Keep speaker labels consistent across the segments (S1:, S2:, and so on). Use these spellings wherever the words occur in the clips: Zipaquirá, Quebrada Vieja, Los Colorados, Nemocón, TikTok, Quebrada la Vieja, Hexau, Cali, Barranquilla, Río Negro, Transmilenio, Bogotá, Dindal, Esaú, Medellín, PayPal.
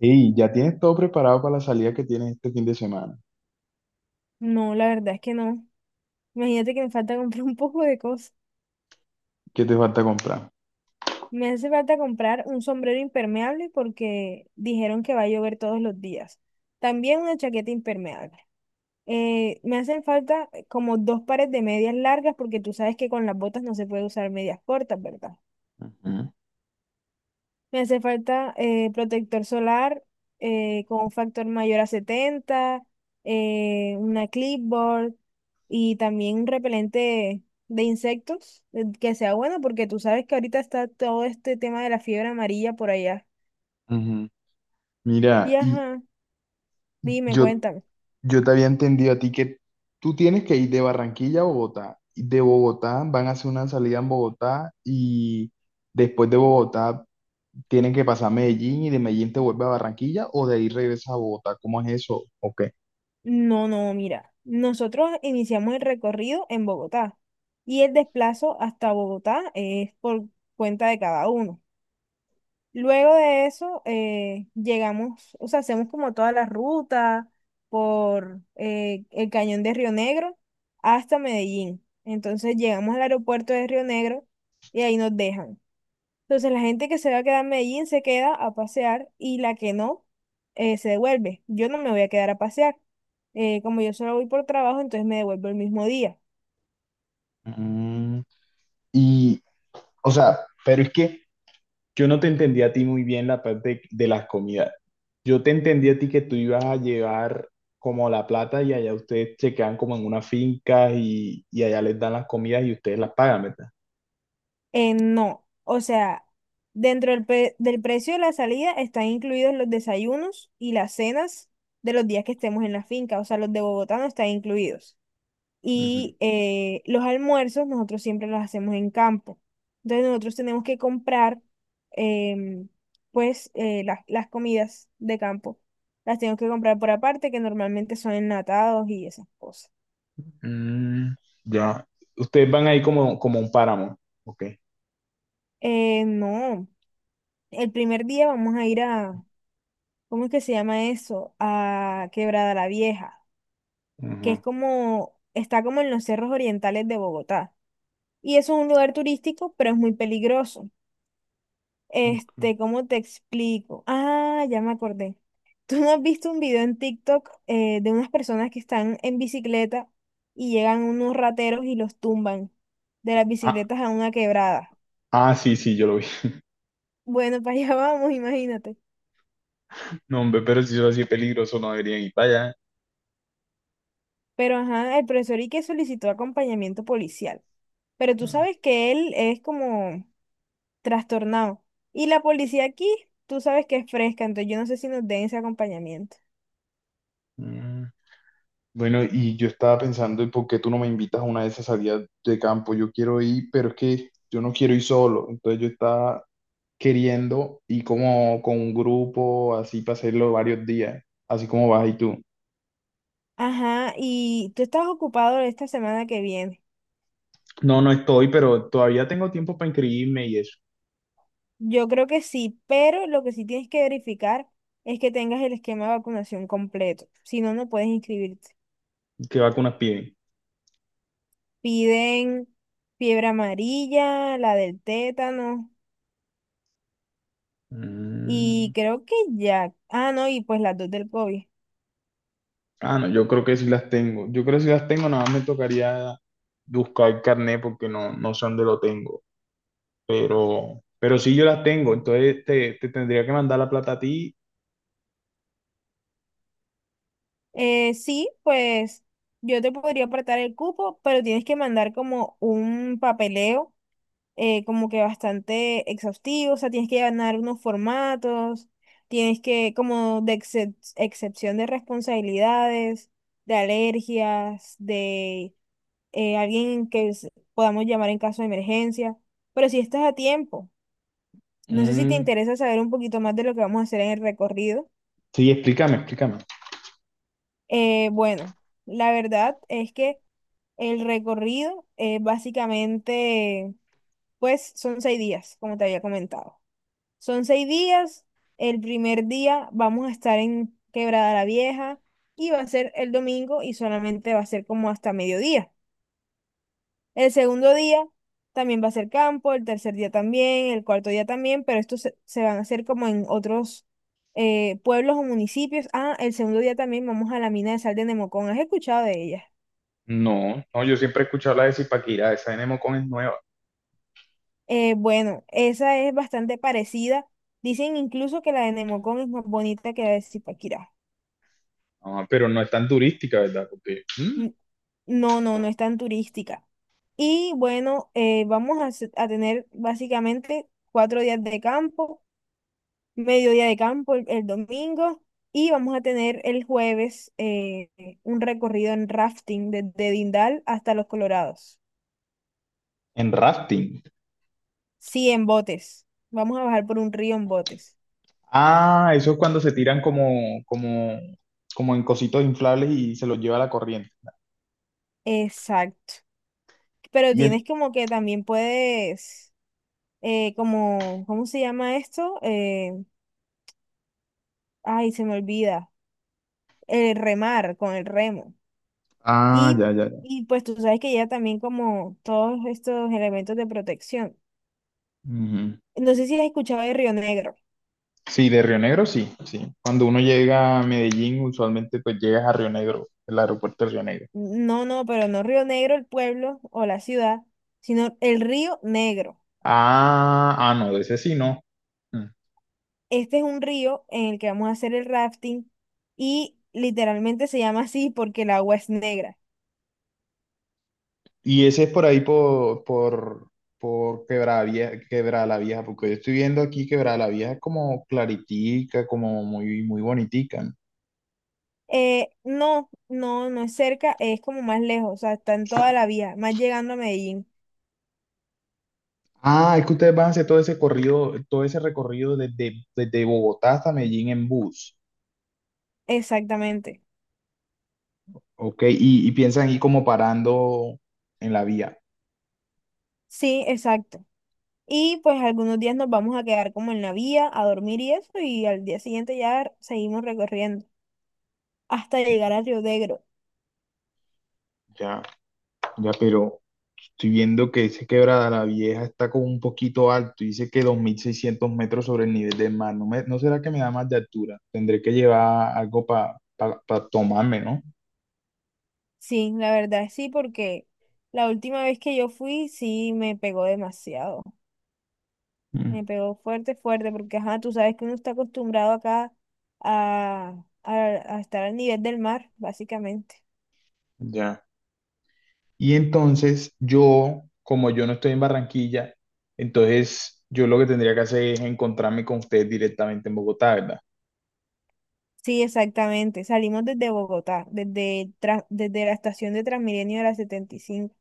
S1: Y ya tienes todo preparado para la salida que tienes este fin de semana.
S2: No, la verdad es que no. Imagínate que me falta comprar un poco de cosas.
S1: ¿Qué te falta comprar?
S2: Me hace falta comprar un sombrero impermeable porque dijeron que va a llover todos los días. También una chaqueta impermeable. Me hacen falta como dos pares de medias largas porque tú sabes que con las botas no se puede usar medias cortas, ¿verdad?
S1: Ujú,
S2: Me hace falta protector solar, con un factor mayor a 70, una clipboard y también un repelente de insectos que sea bueno porque tú sabes que ahorita está todo este tema de la fiebre amarilla por allá.
S1: ujú.
S2: Y
S1: Mira, y
S2: ajá, dime,
S1: yo,
S2: cuéntame.
S1: yo te había entendido a ti que tú tienes que ir de Barranquilla a Bogotá. Y de Bogotá van a hacer una salida en Bogotá y después de Bogotá tienen que pasar a Medellín y de Medellín te vuelve a Barranquilla o de ahí regresas a Bogotá. ¿Cómo es eso? ¿O qué?
S2: No, no, mira, nosotros iniciamos el recorrido en Bogotá y el desplazo hasta Bogotá es por cuenta de cada uno. Luego de eso, llegamos, o sea, hacemos como toda la ruta por el cañón de Río Negro hasta Medellín. Entonces llegamos al aeropuerto de Río Negro y ahí nos dejan. Entonces la gente que se va a quedar en Medellín se queda a pasear y la que no se devuelve. Yo no me voy a quedar a pasear. Como yo solo voy por trabajo, entonces me devuelvo el mismo día.
S1: Mm, y, o sea, pero es que yo no te entendí a ti muy bien la parte de las comidas. Yo te entendí a ti que tú ibas a llevar como la plata y allá ustedes se quedan como en una finca y allá les dan las comidas y ustedes las pagan, ¿verdad?
S2: No, o sea, dentro del precio de la salida están incluidos los desayunos y las cenas de los días que estemos en la finca, o sea, los de Bogotá no están incluidos.
S1: Ujú.
S2: Y los almuerzos nosotros siempre los hacemos en campo. Entonces nosotros tenemos que comprar, em, pues, las comidas de campo. Las tenemos que comprar por aparte, que normalmente son enlatados y esas cosas.
S1: Mm, ya. Ustedes van ahí como, como un páramo. Ok.
S2: No, el primer día vamos a ir a ¿cómo es que se llama eso? A Quebrada la Vieja, que es
S1: Ujú,
S2: como, está como en los cerros orientales de Bogotá. Y eso es un lugar turístico, pero es muy peligroso.
S1: ok.
S2: ¿Cómo te explico? Ah, ya me acordé. ¿Tú no has visto un video en TikTok, de unas personas que están en bicicleta y llegan unos rateros y los tumban de las
S1: Ah,
S2: bicicletas a una quebrada?
S1: ah, sí, sí, yo lo vi.
S2: Bueno, para allá vamos, imagínate.
S1: No, hombre, pero si eso así es peligroso, no debería ir para allá.
S2: Pero ajá, el profesor Ique solicitó acompañamiento policial. Pero tú
S1: Ah,
S2: sabes que él es como trastornado. Y la policía aquí, tú sabes que es fresca, entonces yo no sé si nos den ese acompañamiento.
S1: mm. Bueno, y yo estaba pensando, ¿y por qué tú no me invitas a una de esas salidas de campo? Yo quiero ir, pero es que yo no quiero ir solo. Entonces yo estaba queriendo ir como con un grupo, así para hacerlo varios días, así como vas y tú.
S2: Ajá, y tú estás ocupado esta semana que viene.
S1: No, no estoy, pero todavía tengo tiempo para inscribirme y eso.
S2: Yo creo que sí, pero lo que sí tienes que verificar es que tengas el esquema de vacunación completo. Si no, no puedes inscribirte.
S1: ¿Qué vacunas piden?
S2: Piden fiebre amarilla, la del tétano y
S1: Mm.
S2: creo que ya. Ah, no, y pues las dos del COVID.
S1: Ah, no, yo creo que sí las tengo. Yo creo que sí las tengo, nada más me tocaría buscar el carnet porque no, no sé dónde lo tengo. Pero sí yo las tengo, entonces te tendría que mandar la plata a ti.
S2: Sí, pues yo te podría apartar el cupo, pero tienes que mandar como un papeleo, como que bastante exhaustivo, o sea, tienes que llenar unos formatos, tienes que, como de excepción de responsabilidades, de alergias, de alguien que podamos llamar en caso de emergencia, pero si estás a tiempo. No sé si te
S1: Mm,
S2: interesa saber un poquito más de lo que vamos a hacer en el recorrido.
S1: sí, explícame, explícame.
S2: Bueno, la verdad es que el recorrido básicamente, pues son 6 días, como te había comentado. Son seis días. El primer día vamos a estar en Quebrada la Vieja y va a ser el domingo y solamente va a ser como hasta mediodía. El segundo día también va a ser campo, el tercer día también, el cuarto día también, pero estos se van a hacer como en otros pueblos o municipios. Ah, el segundo día también vamos a la mina de sal de Nemocón. ¿Has escuchado de ella?
S1: No, no, yo siempre he escuchado la de Zipaquirá, esa de Nemocón es nueva.
S2: Bueno, esa es bastante parecida. Dicen incluso que la de Nemocón es más bonita que la de Zipaquirá.
S1: Ah, pero no es tan turística, ¿verdad? Porque, mm,
S2: N- No, no, no es tan turística. Y bueno, vamos a tener básicamente 4 días de campo, mediodía de campo el domingo y vamos a tener el jueves un recorrido en rafting desde Dindal hasta Los Colorados.
S1: en rafting.
S2: Sí, en botes. Vamos a bajar por un río en botes.
S1: Ah, eso es cuando se tiran como, como, como en cositos inflables y se los lleva la corriente.
S2: Exacto. Pero
S1: Y
S2: tienes
S1: en-
S2: como que también puedes, como, ¿cómo se llama esto? Ay, se me olvida. El remar con el remo.
S1: Ah,
S2: Y,
S1: ya, ya, ya.
S2: y pues tú sabes que ya también como todos estos elementos de protección.
S1: Ujú.
S2: No sé si has escuchado de Río Negro.
S1: Sí, de Río Negro, sí, sí. Cuando uno llega a Medellín, usualmente pues llegas a Río Negro, el aeropuerto de Río Negro.
S2: No, no, pero no Río Negro el pueblo o la ciudad, sino el Río Negro.
S1: Ah, ah, no, de ese sí no. Mm.
S2: Este es un río en el que vamos a hacer el rafting y literalmente se llama así porque el agua es negra.
S1: Y ese es por ahí por, por Quebrada Vieja, Quebrada la Vieja, porque yo estoy viendo aquí Quebrada la Vieja es como claritica, como muy, muy bonitica. ¿No?
S2: No, no, no es cerca, es como más lejos, o sea, está en toda la vía, más llegando a Medellín.
S1: Ah, es que ustedes van a hacer todo ese recorrido desde, desde Bogotá hasta Medellín en bus,
S2: Exactamente.
S1: ¿ok? Y piensan ir como parando en la vía.
S2: Sí, exacto. Y pues algunos días nos vamos a quedar como en la vía a dormir y eso, y al día siguiente ya seguimos recorriendo hasta llegar a Río Negro.
S1: Ya, ya, pero, estoy viendo que ese Quebrada la Vieja está como un poquito alto, dice que 2600 metros sobre el nivel del mar. No, me- no será que me da más de altura, tendré que llevar algo para tomarme, ¿no?
S2: Sí, la verdad sí, porque la última vez que yo fui sí me pegó demasiado. Me
S1: Mm,
S2: pegó fuerte, fuerte, porque ajá, tú sabes que uno está acostumbrado acá a, a, a estar al nivel del mar, básicamente.
S1: ya. Y entonces yo, como yo no estoy en Barranquilla, entonces yo lo que tendría que hacer es encontrarme con ustedes directamente en Bogotá, ¿verdad?
S2: Sí, exactamente. Salimos desde Bogotá, desde la estación de Transmilenio de la 75.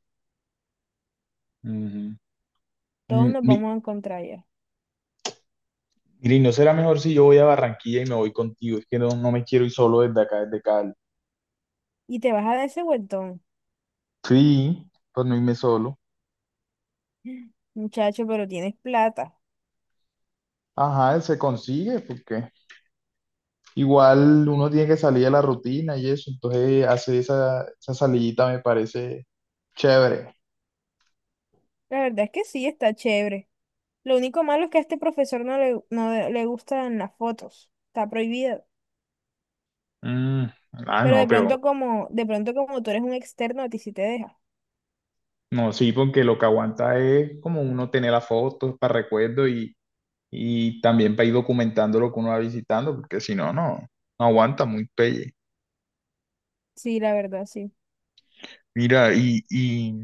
S1: Ujú.
S2: Todos
S1: Mm,
S2: nos
S1: mi-
S2: vamos a encontrar allá.
S1: Mira, ¿y no será mejor si yo voy a Barranquilla y me voy contigo? Es que no, no me quiero ir solo desde acá, desde Cali.
S2: Y te vas a dar ese vueltón.
S1: Sí, pues no irme solo.
S2: Muchacho, pero tienes plata.
S1: Ajá, se consigue porque igual uno tiene que salir de la rutina y eso, entonces hacer esa, esa salidita me parece chévere.
S2: La verdad es que sí, está chévere. Lo único malo es que a este profesor no le gustan las fotos. Está prohibido.
S1: Mm, ah,
S2: Pero
S1: no,
S2: de pronto
S1: pero
S2: como, de pronto como tú eres un externo, a ti sí te deja.
S1: no, sí, porque lo que aguanta es como uno tener las fotos para recuerdo y también para ir documentando lo que uno va visitando, porque si no, no, no aguanta muy pelle.
S2: Sí, la verdad, sí.
S1: Mira, y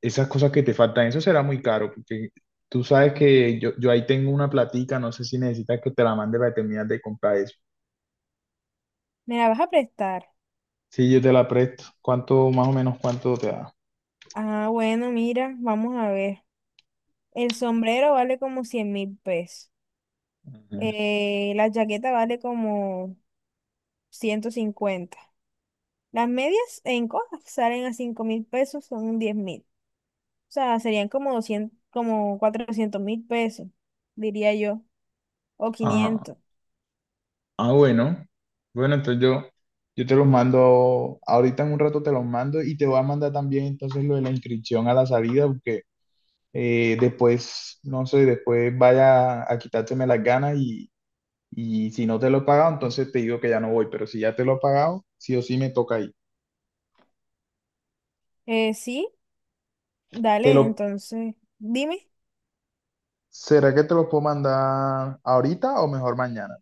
S1: esas cosas que te faltan, eso será muy caro, porque tú sabes que yo ahí tengo una platica, no sé si necesitas que te la mande para terminar de comprar eso.
S2: ¿Me la vas a prestar?
S1: Sí, yo te la presto. ¿Cuánto, más o menos, cuánto te da?
S2: Ah, bueno, mira, vamos a ver. El sombrero vale como 100.000 pesos.
S1: Ujú.
S2: La chaqueta vale como 150. Las medias en cosas salen a 5.000 pesos, son 10.000. O sea, serían como 200, como 400.000 pesos, diría yo, o
S1: Ah,
S2: 500.
S1: ah, bueno. Bueno, entonces yo te los mando, ahorita en un rato te los mando y te voy a mandar también entonces lo de la inscripción a la salida, porque después, no sé, después vaya a quitárteme las ganas y si no te lo he pagado, entonces te digo que ya no voy, pero si ya te lo he pagado, sí o sí me toca ir.
S2: Sí,
S1: Te
S2: dale,
S1: lo,
S2: entonces, dime
S1: ¿será que te lo puedo mandar ahorita o mejor mañana?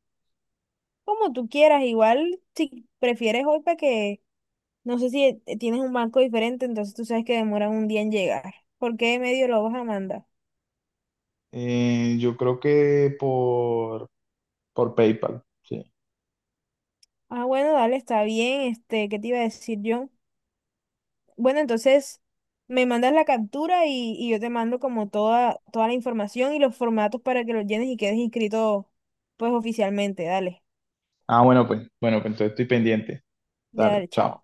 S2: como tú quieras. Igual si prefieres hoy, para que, no sé si tienes un banco diferente, entonces tú sabes que demoran un día en llegar. ¿Por qué medio lo vas a mandar?
S1: Yo creo que por... Por PayPal, sí.
S2: Ah, bueno, dale, está bien, ¿qué te iba a decir yo? Bueno, entonces me mandas la captura y yo te mando como toda la información y los formatos para que los llenes y quedes inscrito pues oficialmente. Dale,
S1: Ah, bueno, pues entonces estoy pendiente. Dale,
S2: dale,
S1: chao.
S2: chao.